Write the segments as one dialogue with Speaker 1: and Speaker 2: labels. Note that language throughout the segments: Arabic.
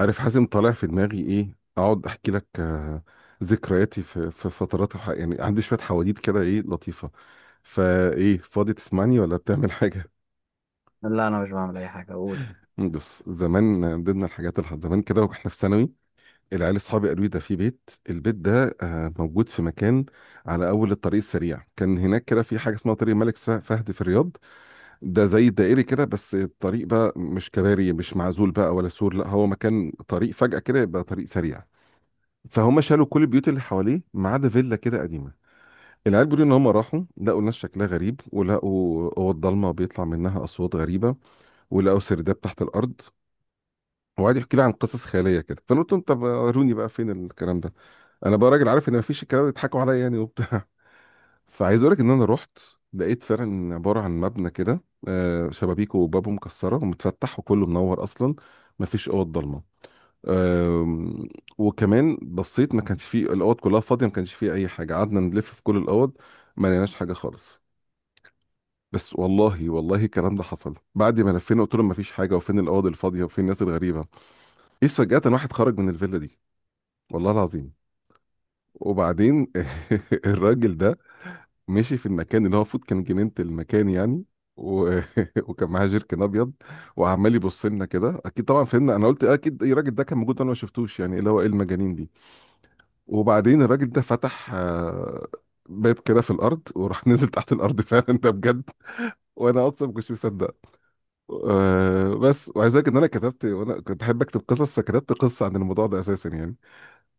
Speaker 1: عارف حازم، طالع في دماغي ايه اقعد احكي لك. ذكرياتي في فترات الح... يعني عندي شويه حواديت كده ايه لطيفه. فايه فاضي تسمعني ولا بتعمل حاجه؟
Speaker 2: لا، انا مش بعمل اي حاجه. اقول
Speaker 1: بص زمان. من ضمن الحاجات اللي حصلت زمان كده واحنا في ثانوي، العيال اصحابي قالوا لي ده في البيت ده موجود في مكان على اول الطريق السريع. كان هناك كده في حاجه اسمها طريق الملك فهد في الرياض. ده زي الدائري كده، بس الطريق بقى مش كباري، مش معزول بقى ولا سور، لا هو مكان طريق فجاه كده يبقى طريق سريع. فهم شالوا كل البيوت اللي حواليه ما عدا فيلا كده قديمه. العيال بيقولوا ان هم راحوا لقوا ناس شكلها غريب، ولقوا اوض ضلمه بيطلع منها اصوات غريبه، ولقوا سرداب تحت الارض، وقعد يحكي لي عن قصص خياليه كده. فانا قلت لهم طب وروني بقى فين الكلام ده. انا بقى راجل عارف ان مفيش الكلام ده، يضحكوا عليا يعني وبتاع. فعايز اقول لك ان انا رحت، لقيت فعلا عباره عن مبنى كده. شبابيكه وبابه مكسره ومتفتح وكله منور اصلا، مفيش اوض ضلمه. أم، وكمان بصيت ما كانش فيه، الاوض كلها فاضيه ما كانش فيه اي حاجه. قعدنا نلف في كل الاوض، ما لقيناش حاجه خالص. بس والله والله الكلام ده حصل. بعد ما لفينا قلت لهم ما فيش حاجه، وفين الاوض الفاضيه، وفين الناس الغريبه، ايه فجاه واحد خرج من الفيلا دي. والله العظيم. وبعدين الراجل ده مشي في المكان اللي هو المفروض كان جنينه المكان يعني. و... وكان معاه جيركن ابيض وعمال يبص لنا كده. اكيد طبعا فهمنا. انا قلت اكيد الراجل ده كان موجود انا ما شفتوش يعني، اللي هو ايه المجانين دي. وبعدين الراجل ده فتح باب كده في الارض، وراح نزل تحت الارض فعلا، ده بجد. وانا اصلا ما كنتش مصدق. بس وعايز اقول لك ان انا كتبت، وانا كنت بحب اكتب قصص، فكتبت قصه عن الموضوع ده اساسا يعني.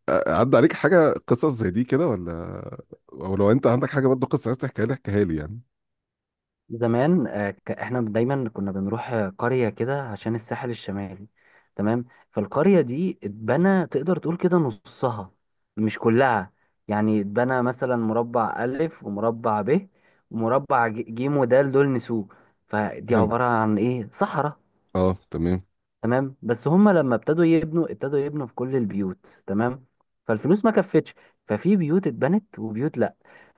Speaker 1: عدى عليك حاجه قصص زي دي كده ولا؟ ولو انت عندك حاجه برضه قصه عايز تحكيها لي احكيها لي يعني.
Speaker 2: زمان، احنا دايما كنا بنروح قريه كده عشان الساحل الشمالي. تمام فالقريه دي اتبنى تقدر تقول كده نصها، مش كلها. يعني اتبنى مثلا مربع الف، ومربع ب، ومربع جيم، ودال، دول نسوه. فدي
Speaker 1: حلو،
Speaker 2: عباره عن ايه، صحراء.
Speaker 1: اه تمام.
Speaker 2: تمام بس هما لما ابتدوا يبنوا في كل البيوت، تمام فالفلوس ما كفتش. ففي بيوت اتبنت وبيوت لا.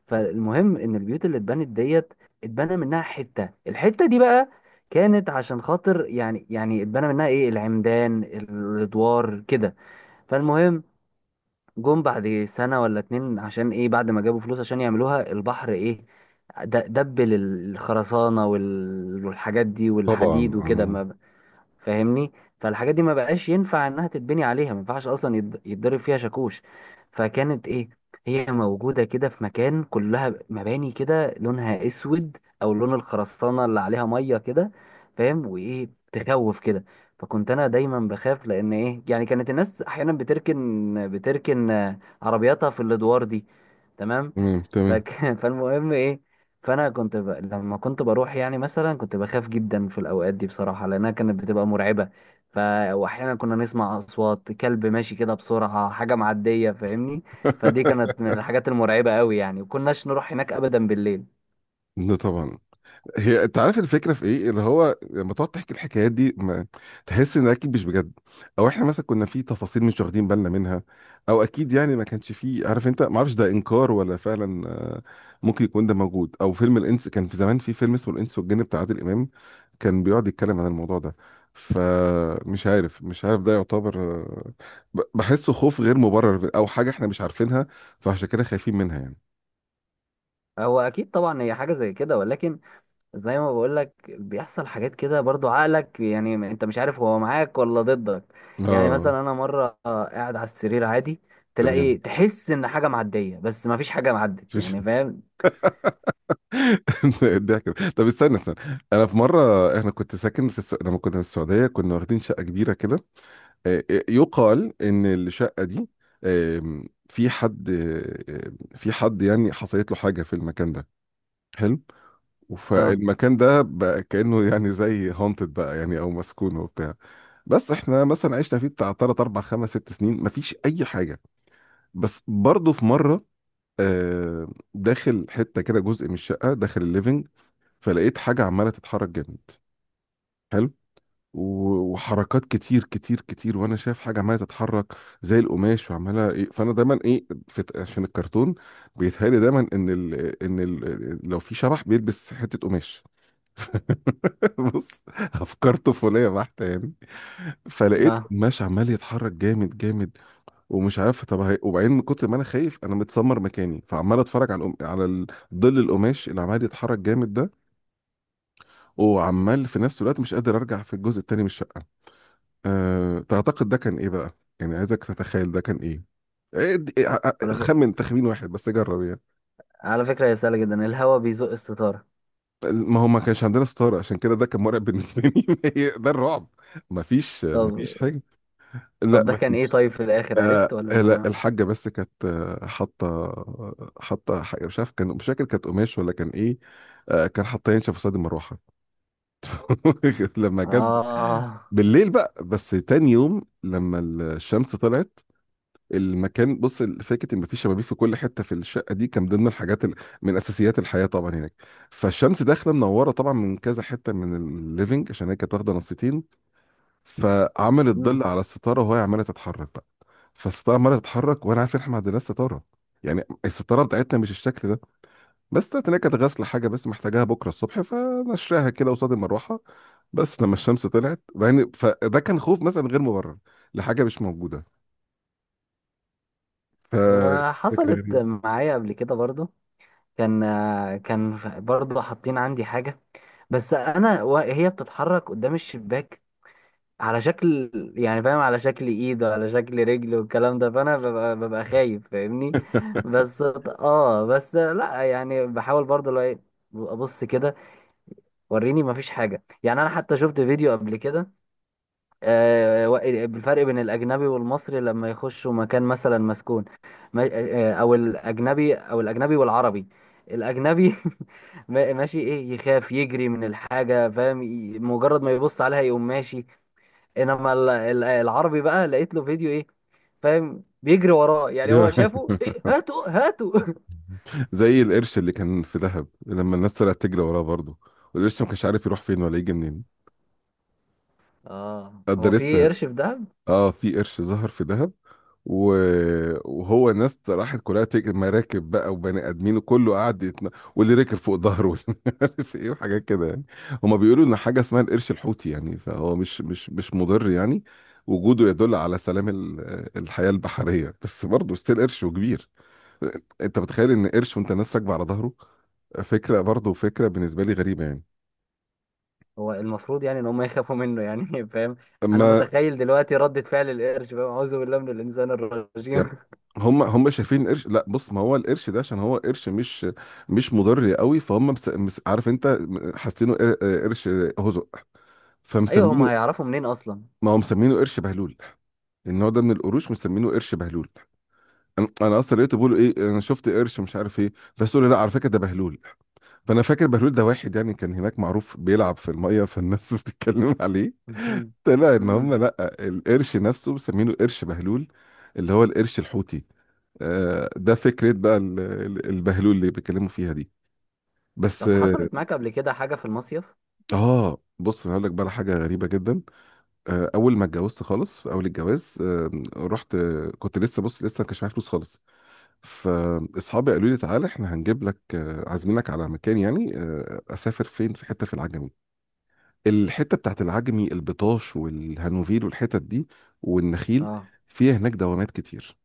Speaker 2: فالمهم ان البيوت اللي اتبنت ديت اتبنى منها حتة. الحتة دي بقى كانت عشان خاطر يعني، اتبنى منها ايه، العمدان الادوار كده. فالمهم جم بعد سنة ولا اتنين، عشان ايه، بعد ما جابوا فلوس عشان يعملوها البحر ايه، دبل الخرسانة والحاجات دي
Speaker 1: طبعا
Speaker 2: والحديد وكده، ما فاهمني؟ فالحاجات دي ما بقاش ينفع انها تتبني عليها، ما ينفعش اصلا يتضرب فيها شاكوش. فكانت ايه، هي موجودة كده في مكان كلها مباني كده لونها اسود او لون الخرسانة اللي عليها مية كده، فاهم؟ وايه، تخوف كده. فكنت انا دايما بخاف، لان ايه يعني، كانت الناس احيانا بتركن عربياتها في الادوار دي. تمام
Speaker 1: تمام تمام.
Speaker 2: فك... فالمهم ايه، فانا كنت لما كنت بروح يعني مثلا كنت بخاف جدا في الاوقات دي بصراحه، لانها كانت بتبقى مرعبه. ف واحيانا كنا نسمع اصوات كلب ماشي كده بسرعه، حاجه معديه، فاهمني؟ فدي كانت من الحاجات المرعبه قوي يعني، وكناش نروح هناك ابدا بالليل.
Speaker 1: ده طبعا. هي انت عارف الفكره في ايه، اللي هو لما تقعد تحكي الحكايات دي ما تحس ان اكيد مش بجد، او احنا مثلا كنا في تفاصيل مش واخدين بالنا منها، او اكيد يعني ما كانش فيه. عارف انت، ما اعرفش ده انكار ولا فعلا ممكن يكون ده موجود، او فيلم الانس، كان في زمان في فيلم اسمه الانس والجن بتاع عادل امام، كان بيقعد يتكلم عن الموضوع ده. فمش عارف، مش عارف ده يعتبر بحسه خوف غير مبرر او حاجه احنا مش عارفينها فعشان كده خايفين منها يعني.
Speaker 2: هو اكيد طبعا هي حاجه زي كده، ولكن زي ما بقول لك بيحصل حاجات كده برضو، عقلك يعني، انت مش عارف هو معاك ولا ضدك. يعني
Speaker 1: اه
Speaker 2: مثلا انا مره قاعد على السرير عادي، تلاقي
Speaker 1: تمام.
Speaker 2: تحس ان حاجه معديه، بس ما فيش حاجه معدت، يعني فاهم.
Speaker 1: الضحك ده. طب استنى استنى، انا في مره، احنا كنت ساكن في لما كنا في السعوديه كنا واخدين شقه كبيره كده. يقال ان الشقه دي في حد، في حد يعني، حصلت له حاجه في المكان ده. حلو. فالمكان ده بقى كانه يعني زي هونتد بقى يعني، او مسكون وبتاع. بس احنا مثلا عشنا فيه بتاع 3 4 5 6 سنين مفيش اي حاجه. بس برضه في مره، آه، داخل حته كده جزء من الشقه داخل الليفنج، فلقيت حاجة عمالة تتحرك جامد. حلو. وحركات كتير كتير كتير، وانا شايف حاجة عمالة تتحرك زي القماش وعمالة ايه. فانا دايما ايه في عشان الكرتون، بيتهيألي دايما ان لو في شبح بيلبس حتة قماش. بص، افكار طفولية بحتة يعني. فلقيت
Speaker 2: اه.
Speaker 1: قماش عمال يتحرك جامد جامد. ومش عارف طب وبعدين من كتر ما انا خايف، انا متسمر مكاني، فعمال اتفرج على ظل القماش اللي عمال يتحرك جامد ده، وعمال في نفس الوقت مش قادر ارجع في الجزء التاني من الشقه. أه تعتقد ده كان ايه بقى يعني؟ عايزك تتخيل ده كان ايه. إيه د- إيه، ع- ع-
Speaker 2: على
Speaker 1: خمن تخمين واحد بس جرب يعني.
Speaker 2: على فكرة هي سهلة جدا، الهوا بيزق الستارة.
Speaker 1: ما هو ما كانش عندنا ستاره عشان كده ده كان مرعب بالنسبه لي. هي ده الرعب، ما فيش ما
Speaker 2: طب،
Speaker 1: فيش حاجه. لا
Speaker 2: ده
Speaker 1: ما
Speaker 2: كان ايه؟
Speaker 1: فيش.
Speaker 2: طيب في الاخر عرفت
Speaker 1: آه
Speaker 2: ولا
Speaker 1: لا،
Speaker 2: ما.
Speaker 1: الحاجه بس كانت حاطه حاجه، مش عارف كان، مش فاكر كانت قماش ولا كان ايه. آه كان حاطاه ينشف قصاد المروحه. لما جت
Speaker 2: اه.
Speaker 1: بالليل بقى. بس تاني يوم لما الشمس طلعت، المكان، بص فكره ان مفيش شبابيك في كل حته في الشقه دي كان ضمن من اساسيات الحياه طبعا هناك. فالشمس داخله منوره طبعا من كذا حته من الليفنج، عشان هي كانت واخده نصيتين، فعملت
Speaker 2: مم.
Speaker 1: ظل على الستاره وهي عماله تتحرك بقى. فالستاره عماله تتحرك، وانا عارف إن احنا ما عندناش ستاره، يعني الستاره بتاعتنا مش الشكل ده. بس طلعت إن هي كانت غسل حاجه بس محتاجاها بكره الصبح، فنشرها كده قصاد المروحه، بس لما الشمس طلعت يعني. فده كان خوف مثلا غير مبرر لحاجه مش موجوده. ف فكره
Speaker 2: وحصلت
Speaker 1: غريبه.
Speaker 2: معايا قبل كده برضو. كان برضو حاطين عندي حاجة، بس انا وهي بتتحرك قدام الشباك، على شكل، يعني فاهم، على شكل ايد وعلى شكل رجل والكلام ده، فانا ببقى خايف، فاهمني. بس اه، بس لا يعني بحاول برضو، لو ايه ابص كده، وريني مفيش حاجة يعني. أنا حتى شفت فيديو قبل كده، آه، و- بالفرق بين الأجنبي والمصري لما يخشوا مكان مثلا مسكون. أو الأجنبي والعربي. الأجنبي ماشي إيه، يخاف يجري من الحاجة، فاهم، مجرد ما يبص عليها يقوم ماشي. إنما العربي بقى لقيت له فيديو إيه، فاهم، بيجري وراه. يعني هو شافه
Speaker 1: دي-
Speaker 2: إيه؟ هاتوا هاتوا.
Speaker 1: زي القرش اللي كان في دهب لما الناس طلعت تجري وراه برضه، والقرش ما كانش عارف يروح فين ولا يجي منين.
Speaker 2: آه،
Speaker 1: قد
Speaker 2: هو في
Speaker 1: لسه.
Speaker 2: قرش في دهب.
Speaker 1: اه، في قرش ظهر في دهب، و... وهو ناس راحت كلها مراكب بقى وبني ادمين، وكله قعد واللي ركب فوق ظهره واللي عارف ايه، وحاجات كده يعني. هما بيقولوا ان حاجه اسمها القرش الحوتي يعني، فهو مش مضر يعني. وجوده يدل على سلام الحياه البحريه، بس برضه ستيل قرش وكبير. انت متخيل ان قرش وانت ناس راكبه على ظهره؟ فكره برضه فكره بالنسبه لي غريبه يعني.
Speaker 2: هو المفروض يعني ان هم يخافوا منه، يعني فاهم. انا
Speaker 1: ما
Speaker 2: متخيل دلوقتي ردة فعل القرش، فاهم، اعوذ بالله من الانسان الرجيم.
Speaker 1: يعني هم شايفين القرش. لا بص، ما هو القرش ده عشان هو قرش مش مضر قوي. فهم عارف انت، حاسينه قرش هزق،
Speaker 2: ايوه، هم
Speaker 1: فمسمينه.
Speaker 2: هيعرفوا منين اصلا.
Speaker 1: ما هو مسمينه قرش بهلول، النوع ده من القروش مسمينه قرش بهلول. انا اصلا لقيته بيقولوا ايه، انا شفت قرش مش عارف ايه، بس قالوا لا على فكره ده بهلول. فانا فاكر بهلول ده واحد يعني كان هناك معروف بيلعب في الميه فالناس بتتكلم عليه. طلع ان هم
Speaker 2: امم.
Speaker 1: لا، القرش نفسه مسمينه قرش بهلول، اللي هو القرش الحوتي. ده فكرة بقى البهلول اللي بيتكلموا فيها دي. بس
Speaker 2: طب
Speaker 1: اه.
Speaker 2: حصلت معاك قبل كده حاجة في المصيف؟
Speaker 1: بص انا هقول لك بقى على حاجة غريبة جدا. اول ما اتجوزت خالص في اول الجواز، رحت كنت لسه، بص لسه ما كانش معايا فلوس خالص. فاصحابي قالوا لي تعالى احنا هنجيب لك، عازمينك على مكان يعني. اسافر فين، في حتة في العجمي، الحتة بتاعت العجمي، البطاش والهانوفيل والحتت دي والنخيل،
Speaker 2: اه.
Speaker 1: فيها هناك دوامات كتير.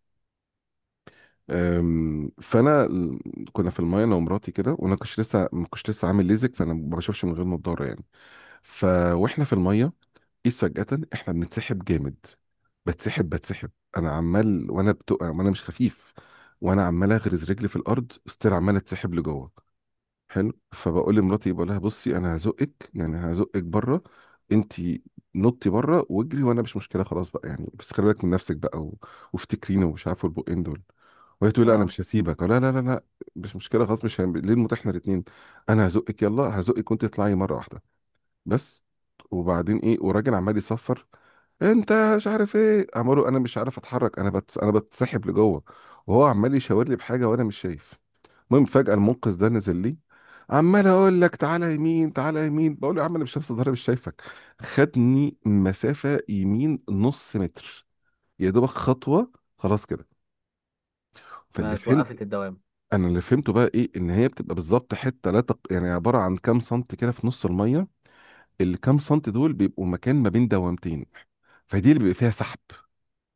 Speaker 1: فانا كنا في المايه، انا ومراتي كده، وانا كنتش لسه ما كنتش لسه عامل ليزك، فانا ما بشوفش من غير نضاره يعني. ف واحنا في المايه، قيس فجاه احنا بنتسحب جامد، بتسحب بتسحب. انا عمال وانا وانا مش خفيف، وانا عمال اغرز رجلي في الارض ستيل عمال اتسحب لجوه. حلو. فبقول لمراتي، بقول لها بصي انا هزقك يعني هزقك بره، انت نطي بره واجري وانا مش مشكله، خلاص بقى يعني، بس خلي بالك من نفسك بقى وافتكريني ومش عارف البقين دول. وهي تقول لي لا انا
Speaker 2: اه،
Speaker 1: مش هسيبك، لا لا لا لا، مش مشكله خلاص، مش هم... ليه المتاح احنا الاثنين، انا هزقك يلا هزقك وانت تطلعي مره واحده بس. وبعدين ايه، وراجل عمال يصفر، انت مش عارف ايه عماله، انا مش عارف اتحرك، انا انا بتسحب لجوه، وهو عمال يشاور لي بحاجه وانا مش شايف. المهم فجاه المنقذ ده نزل لي، عمال اقول لك تعالى يمين تعالى يمين. بقول له يا عم انا مش شايف ضهري مش شايفك، خدني مسافه يمين نص متر، يا دوبك خطوه، خلاص كده. فاللي
Speaker 2: ما
Speaker 1: فهمت،
Speaker 2: توقفت الدوام.
Speaker 1: انا اللي فهمته بقى ايه، ان هي بتبقى بالظبط حته، لا تق... يعني عباره عن كام سنت كده في نص الميه، اللي كام سنت دول بيبقوا مكان ما بين دوامتين، فدي اللي بيبقى فيها سحب.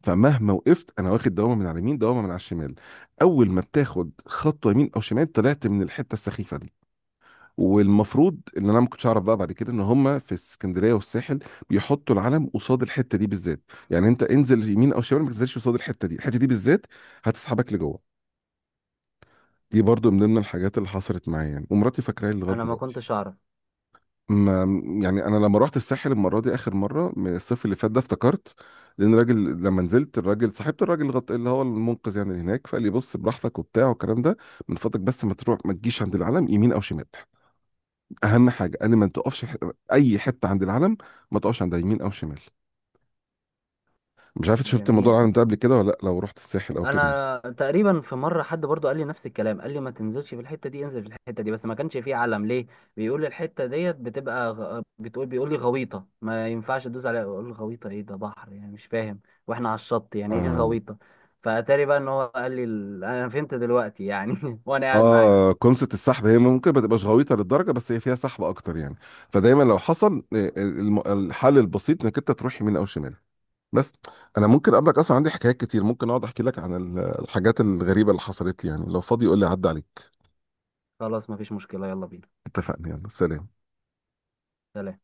Speaker 1: فمهما وقفت انا، واخد دوامه من على اليمين دوامه من على الشمال، اول ما بتاخد خطوه يمين او شمال طلعت من الحته السخيفه دي. والمفروض ان انا ما كنتش اعرف بقى، بعد كده ان هم في اسكندريه والساحل بيحطوا العلم قصاد الحته دي بالذات. يعني انت انزل يمين او شمال، ما تنزلش قصاد الحته دي، الحته دي بالذات هتسحبك لجوه. دي برضو من ضمن الحاجات اللي حصلت معايا يعني، ومراتي فاكراها لغايه
Speaker 2: انا ما
Speaker 1: دلوقتي.
Speaker 2: كنتش اعرف.
Speaker 1: ما يعني انا لما رحت الساحل المره دي اخر مره من الصيف اللي فات ده افتكرت، لان الراجل لما نزلت، الراجل صاحبة الراجل اللي هو المنقذ يعني اللي هناك، فقال لي بص براحتك وبتاع والكلام ده، من فضلك بس ما تروح ما تجيش عند العلم يمين او شمال. اهم حاجه قال لي ما تقفش اي حته عند العلم، ما تقفش عند يمين او شمال. مش عارف إنت شفت موضوع
Speaker 2: جميل.
Speaker 1: العلم ده قبل كده ولا لا، لو رحت الساحل او كده.
Speaker 2: انا تقريبا في مره حد برضو قال لي نفس الكلام، قال لي ما تنزلش في الحته دي، انزل في الحته دي. بس ما كانش فيه علم، ليه؟ بيقول لي الحته ديت بتبقى غ... بتقول بيقول لي غويطه، ما ينفعش تدوس عليها. اقول له غويطه ايه؟ ده بحر يعني مش فاهم، واحنا على الشط، يعني ايه
Speaker 1: آه.
Speaker 2: غويطه؟ فاتاري بقى ان هو قال لي انا فهمت دلوقتي يعني، وانا قاعد معاك.
Speaker 1: اه، كونسة السحب هي ممكن ما تبقاش غويطه للدرجه بس هي فيها سحب اكتر يعني. فدايما لو حصل، الحل البسيط انك انت تروح يمين او شمال بس. انا ممكن اقابلك، اصلا عندي حكايات كتير، ممكن اقعد احكي لك عن الحاجات الغريبه اللي حصلت لي يعني، لو فاضي قول لي عدى عليك.
Speaker 2: خلاص ما فيش مشكله، يلا بينا.
Speaker 1: اتفقنا، يلا سلام.
Speaker 2: سلام.